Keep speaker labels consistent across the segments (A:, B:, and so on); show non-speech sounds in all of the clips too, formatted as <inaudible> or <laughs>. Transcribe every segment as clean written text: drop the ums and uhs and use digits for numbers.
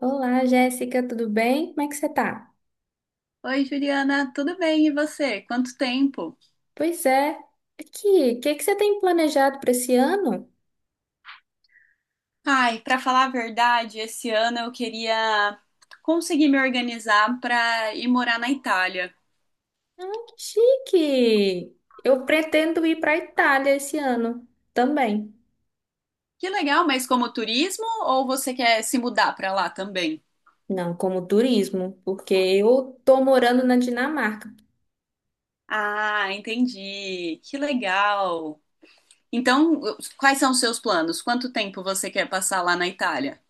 A: Olá, Jéssica, tudo bem? Como é que você tá?
B: Oi, Juliana, tudo bem? E você? Quanto tempo?
A: Pois é. Aqui, o que que você tem planejado para esse ano?
B: Ai, para falar a verdade, esse ano eu queria conseguir me organizar para ir morar na Itália.
A: Ah, que chique! Eu pretendo ir para a Itália esse ano também.
B: Que legal, mas como turismo ou você quer se mudar para lá também?
A: Não, como turismo, porque eu tô morando na Dinamarca.
B: Ah, entendi. Que legal. Então, quais são os seus planos? Quanto tempo você quer passar lá na Itália?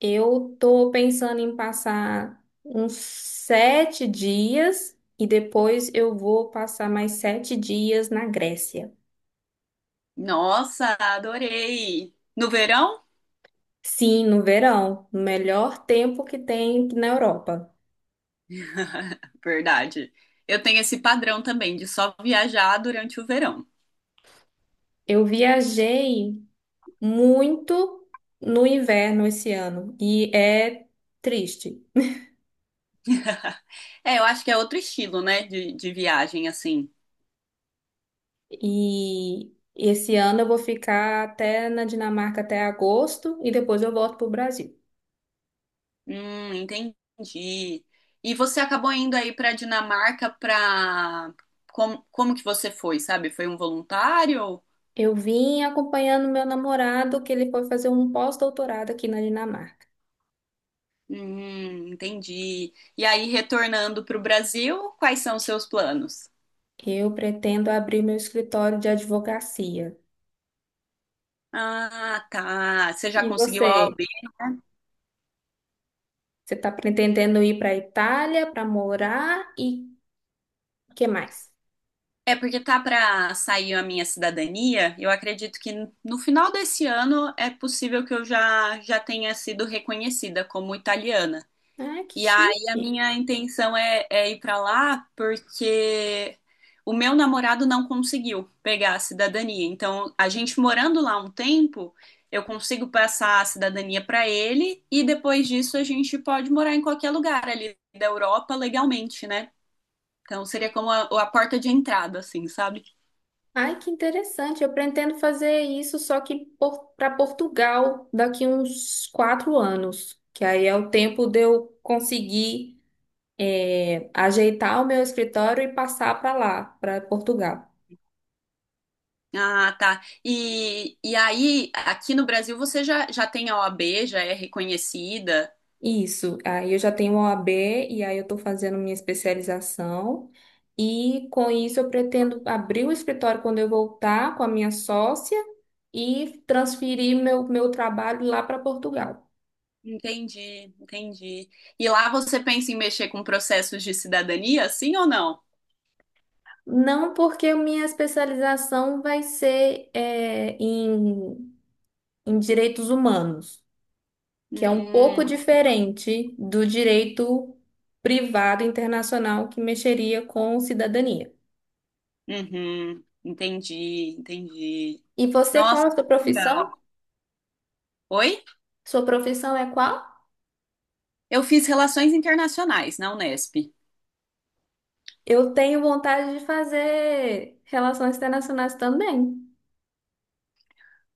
A: Eu tô pensando em passar uns 7 dias e depois eu vou passar mais 7 dias na Grécia.
B: Nossa, adorei. No verão?
A: Sim, no verão, no melhor tempo que tem na Europa.
B: <laughs> Verdade. Eu tenho esse padrão também de só viajar durante o verão.
A: Eu viajei muito no inverno esse ano e é triste.
B: <laughs> É, eu acho que é outro estilo, né, de viagem, assim.
A: E esse ano eu vou ficar até na Dinamarca até agosto e depois eu volto para o Brasil.
B: Entendi. E você acabou indo aí pra Dinamarca. Como que você foi, sabe? Foi um voluntário?
A: Eu vim acompanhando meu namorado, que ele foi fazer um pós-doutorado aqui na Dinamarca.
B: Entendi. E aí, retornando pro Brasil, quais são os seus planos?
A: Eu pretendo abrir meu escritório de advocacia.
B: Ah, tá. Você já
A: E
B: conseguiu a
A: você?
B: OAB?
A: Você está pretendendo ir para a Itália para morar e o que mais?
B: É porque tá pra sair a minha cidadania. Eu acredito que no final desse ano é possível que eu já tenha sido reconhecida como italiana.
A: Ah, que
B: E aí a
A: chique!
B: minha intenção é ir pra lá porque o meu namorado não conseguiu pegar a cidadania. Então, a gente morando lá um tempo, eu consigo passar a cidadania pra ele e depois disso a gente pode morar em qualquer lugar ali da Europa legalmente, né? Então seria como a porta de entrada, assim, sabe?
A: Ai, que interessante. Eu pretendo fazer isso só que para Portugal daqui uns 4 anos, que aí é o tempo de eu conseguir ajeitar o meu escritório e passar para lá, para Portugal.
B: Ah, tá. E aí, aqui no Brasil você já tem a OAB, já é reconhecida.
A: Isso. Aí eu já tenho uma OAB e aí eu estou fazendo minha especialização. E com isso eu pretendo abrir o escritório quando eu voltar com a minha sócia e transferir meu trabalho lá para Portugal.
B: Entendi, entendi. E lá você pensa em mexer com processos de cidadania, sim ou não?
A: Não, porque minha especialização vai ser em direitos humanos, que é um
B: Hum,
A: pouco diferente do direito privado internacional que mexeria com cidadania.
B: uhum, entendi, entendi.
A: E você, qual
B: Nossa,
A: a sua
B: que legal.
A: profissão?
B: Oi?
A: Sua profissão é qual?
B: Eu fiz relações internacionais na Unesp.
A: Eu tenho vontade de fazer relações internacionais também.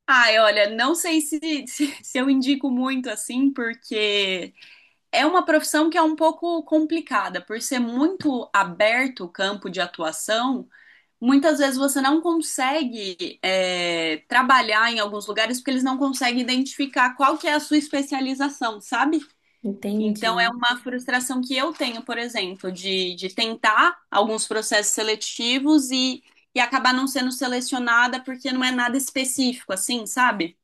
B: Ai, olha, não sei se, <laughs> se eu indico muito assim, porque é uma profissão que é um pouco complicada, por ser muito aberto o campo de atuação. Muitas vezes você não consegue trabalhar em alguns lugares porque eles não conseguem identificar qual que é a sua especialização, sabe? Então é
A: Entendi.
B: uma frustração que eu tenho, por exemplo, de tentar alguns processos seletivos e acabar não sendo selecionada porque não é nada específico, assim, sabe?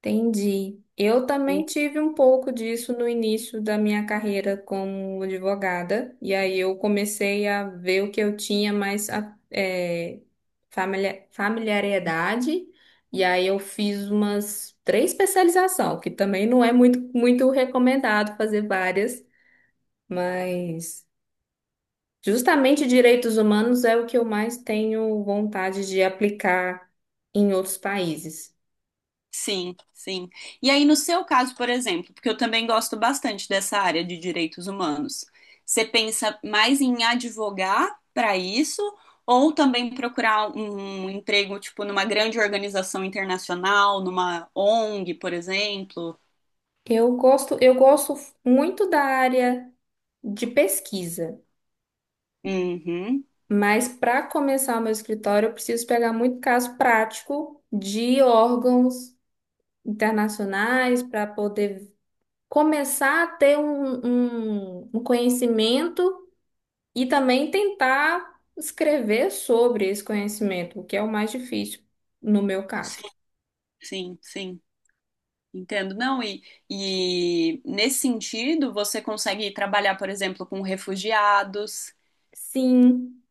A: Entendi. Eu também tive um pouco disso no início da minha carreira como advogada, e aí eu comecei a ver o que eu tinha mais familia- familiaridade, e aí eu fiz umas 3 especializações, que também não é muito recomendado fazer várias, mas justamente direitos humanos é o que eu mais tenho vontade de aplicar em outros países.
B: Sim, sim. E aí, no seu caso, por exemplo, porque eu também gosto bastante dessa área de direitos humanos, você pensa mais em advogar para isso ou também procurar um emprego, tipo, numa grande organização internacional, numa ONG, por exemplo?
A: Eu gosto muito da área de pesquisa,
B: Uhum.
A: mas para começar o meu escritório, eu preciso pegar muito caso prático de órgãos internacionais para poder começar a ter um conhecimento e também tentar escrever sobre esse conhecimento, o que é o mais difícil no meu
B: Sim,
A: caso.
B: sim, sim. Entendo. Não, e nesse sentido, você consegue trabalhar, por exemplo, com refugiados.
A: Sim.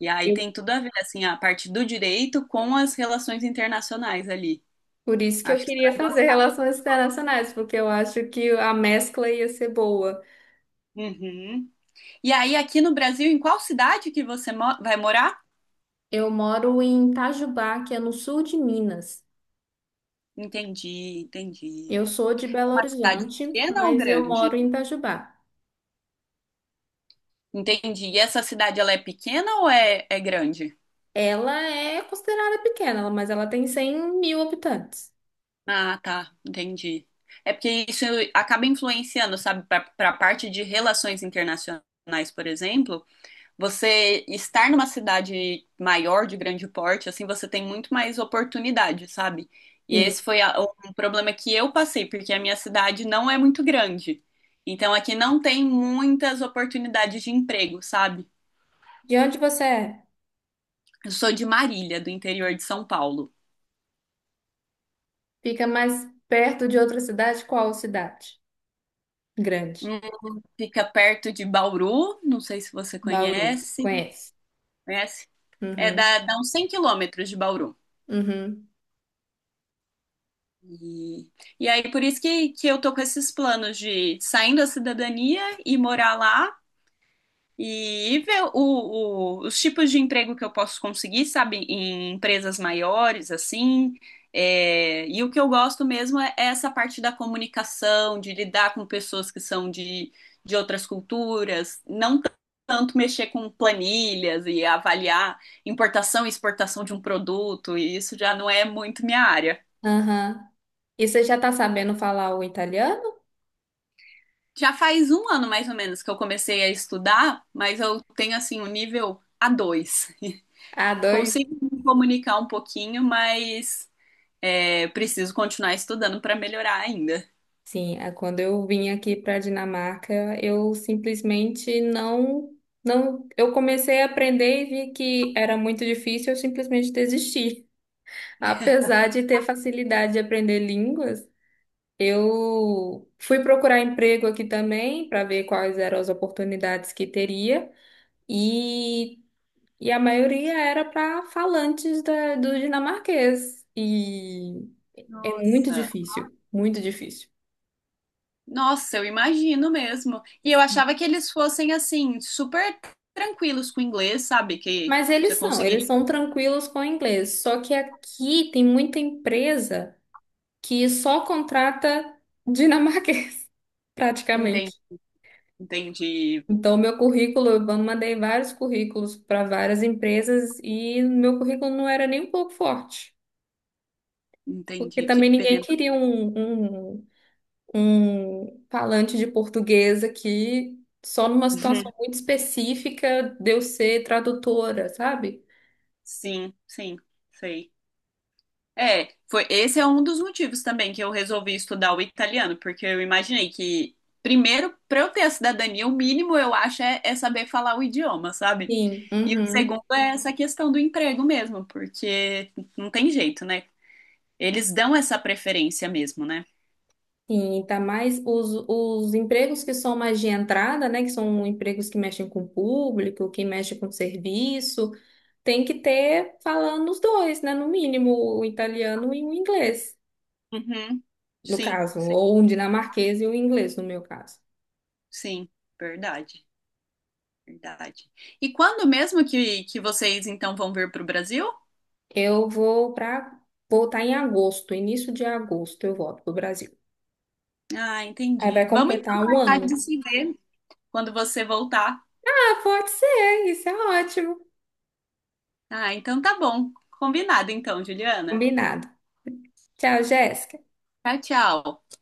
B: E aí
A: eu
B: tem tudo a ver, assim, a parte do direito com as relações internacionais ali.
A: Por isso que eu
B: Acho que você
A: queria
B: vai
A: fazer <laughs>
B: gostar.
A: relações internacionais, porque eu acho que a mescla ia ser boa.
B: Uhum. E aí, aqui no Brasil, em qual cidade que você vai morar?
A: Eu moro em Itajubá, que é no sul de Minas.
B: Entendi, entendi.
A: Eu sou de
B: É
A: Belo
B: uma cidade
A: Horizonte,
B: pequena ou
A: mas eu
B: grande?
A: moro em Itajubá.
B: Entendi. E essa cidade, ela é pequena ou é grande?
A: Ela é considerada pequena, mas ela tem 100 mil habitantes.
B: Ah, tá, entendi. É porque isso acaba influenciando, sabe, para a parte de relações internacionais, por exemplo. Você estar numa cidade maior, de grande porte, assim, você tem muito mais oportunidade, sabe? E
A: Sim.
B: esse foi um problema que eu passei, porque a minha cidade não é muito grande. Então aqui não tem muitas oportunidades de emprego, sabe?
A: De onde você é?
B: Eu sou de Marília, do interior de São Paulo.
A: Fica mais perto de outra cidade? Qual cidade? Grande.
B: Hum, Fica perto de Bauru, não sei se você
A: Bauru.
B: conhece.
A: Conhece?
B: Conhece? É,
A: Uhum.
B: dá uns 100 km de Bauru.
A: Uhum.
B: E, e aí, por isso que eu tô com esses planos de saindo da cidadania e morar lá e ver os tipos de emprego que eu posso conseguir, sabe, em empresas maiores, assim. É, e o que eu gosto mesmo é essa parte da comunicação, de lidar com pessoas que são de outras culturas, não tanto mexer com planilhas e avaliar importação e exportação de um produto, e isso já não é muito minha área.
A: Aham. E você já tá sabendo falar o italiano?
B: Já faz um ano mais ou menos que eu comecei a estudar, mas eu tenho assim o nível A2.
A: A2.
B: Consigo me comunicar um pouquinho, mas preciso continuar estudando para melhorar ainda.
A: Sim, quando eu vim aqui para a Dinamarca, eu simplesmente não, não, eu comecei a aprender e vi que era muito difícil, eu simplesmente desisti. <laughs> Apesar de ter facilidade de aprender línguas, eu fui procurar emprego aqui também para ver quais eram as oportunidades que teria e, e a maioria era para falantes do dinamarquês e é muito
B: Nossa.
A: difícil, muito difícil.
B: Nossa, eu imagino mesmo. E eu achava que eles fossem assim super tranquilos com o inglês, sabe? Que
A: Mas
B: você
A: eles
B: conseguiria.
A: são tranquilos com o inglês. Só que aqui tem muita empresa que só contrata dinamarquês, <laughs>
B: Entendi,
A: praticamente.
B: entendi,
A: Então, meu currículo, eu mandei vários currículos para várias empresas e meu currículo não era nem um pouco forte, porque
B: entendi.
A: também
B: Que
A: ninguém
B: pena.
A: queria um falante de português aqui, só numa situação
B: <laughs>
A: muito específica de eu ser tradutora, sabe?
B: Sim, sim, sei. É, foi, esse é um dos motivos também que eu resolvi estudar o italiano, porque eu imaginei que, primeiro, para eu ter a cidadania, o mínimo eu acho é saber falar o idioma, sabe?
A: Sim.
B: E o
A: Uhum.
B: segundo é essa questão do emprego mesmo, porque não tem jeito, né? Eles dão essa preferência mesmo, né?
A: Sim, tá mais os empregos que são mais de entrada, né, que são empregos que mexem com o público, que mexem com o serviço, tem que ter falando os dois, né, no mínimo, o italiano e o inglês,
B: Uhum.
A: no
B: Sim,
A: caso,
B: sim,
A: ou um dinamarquês e o inglês, no meu caso.
B: sim, verdade, verdade. E quando mesmo que vocês então vão vir para o Brasil?
A: Eu vou para Voltar em agosto, início de agosto eu volto pro Brasil.
B: Ah,
A: Aí vai
B: entendi. Vamos então
A: completar um
B: marcar
A: ano.
B: de se ver quando você voltar.
A: Ah, pode ser, isso é ótimo.
B: Ah, então tá bom. Combinado então, Juliana.
A: Combinado. Tchau, Jéssica.
B: Tchau, tchau.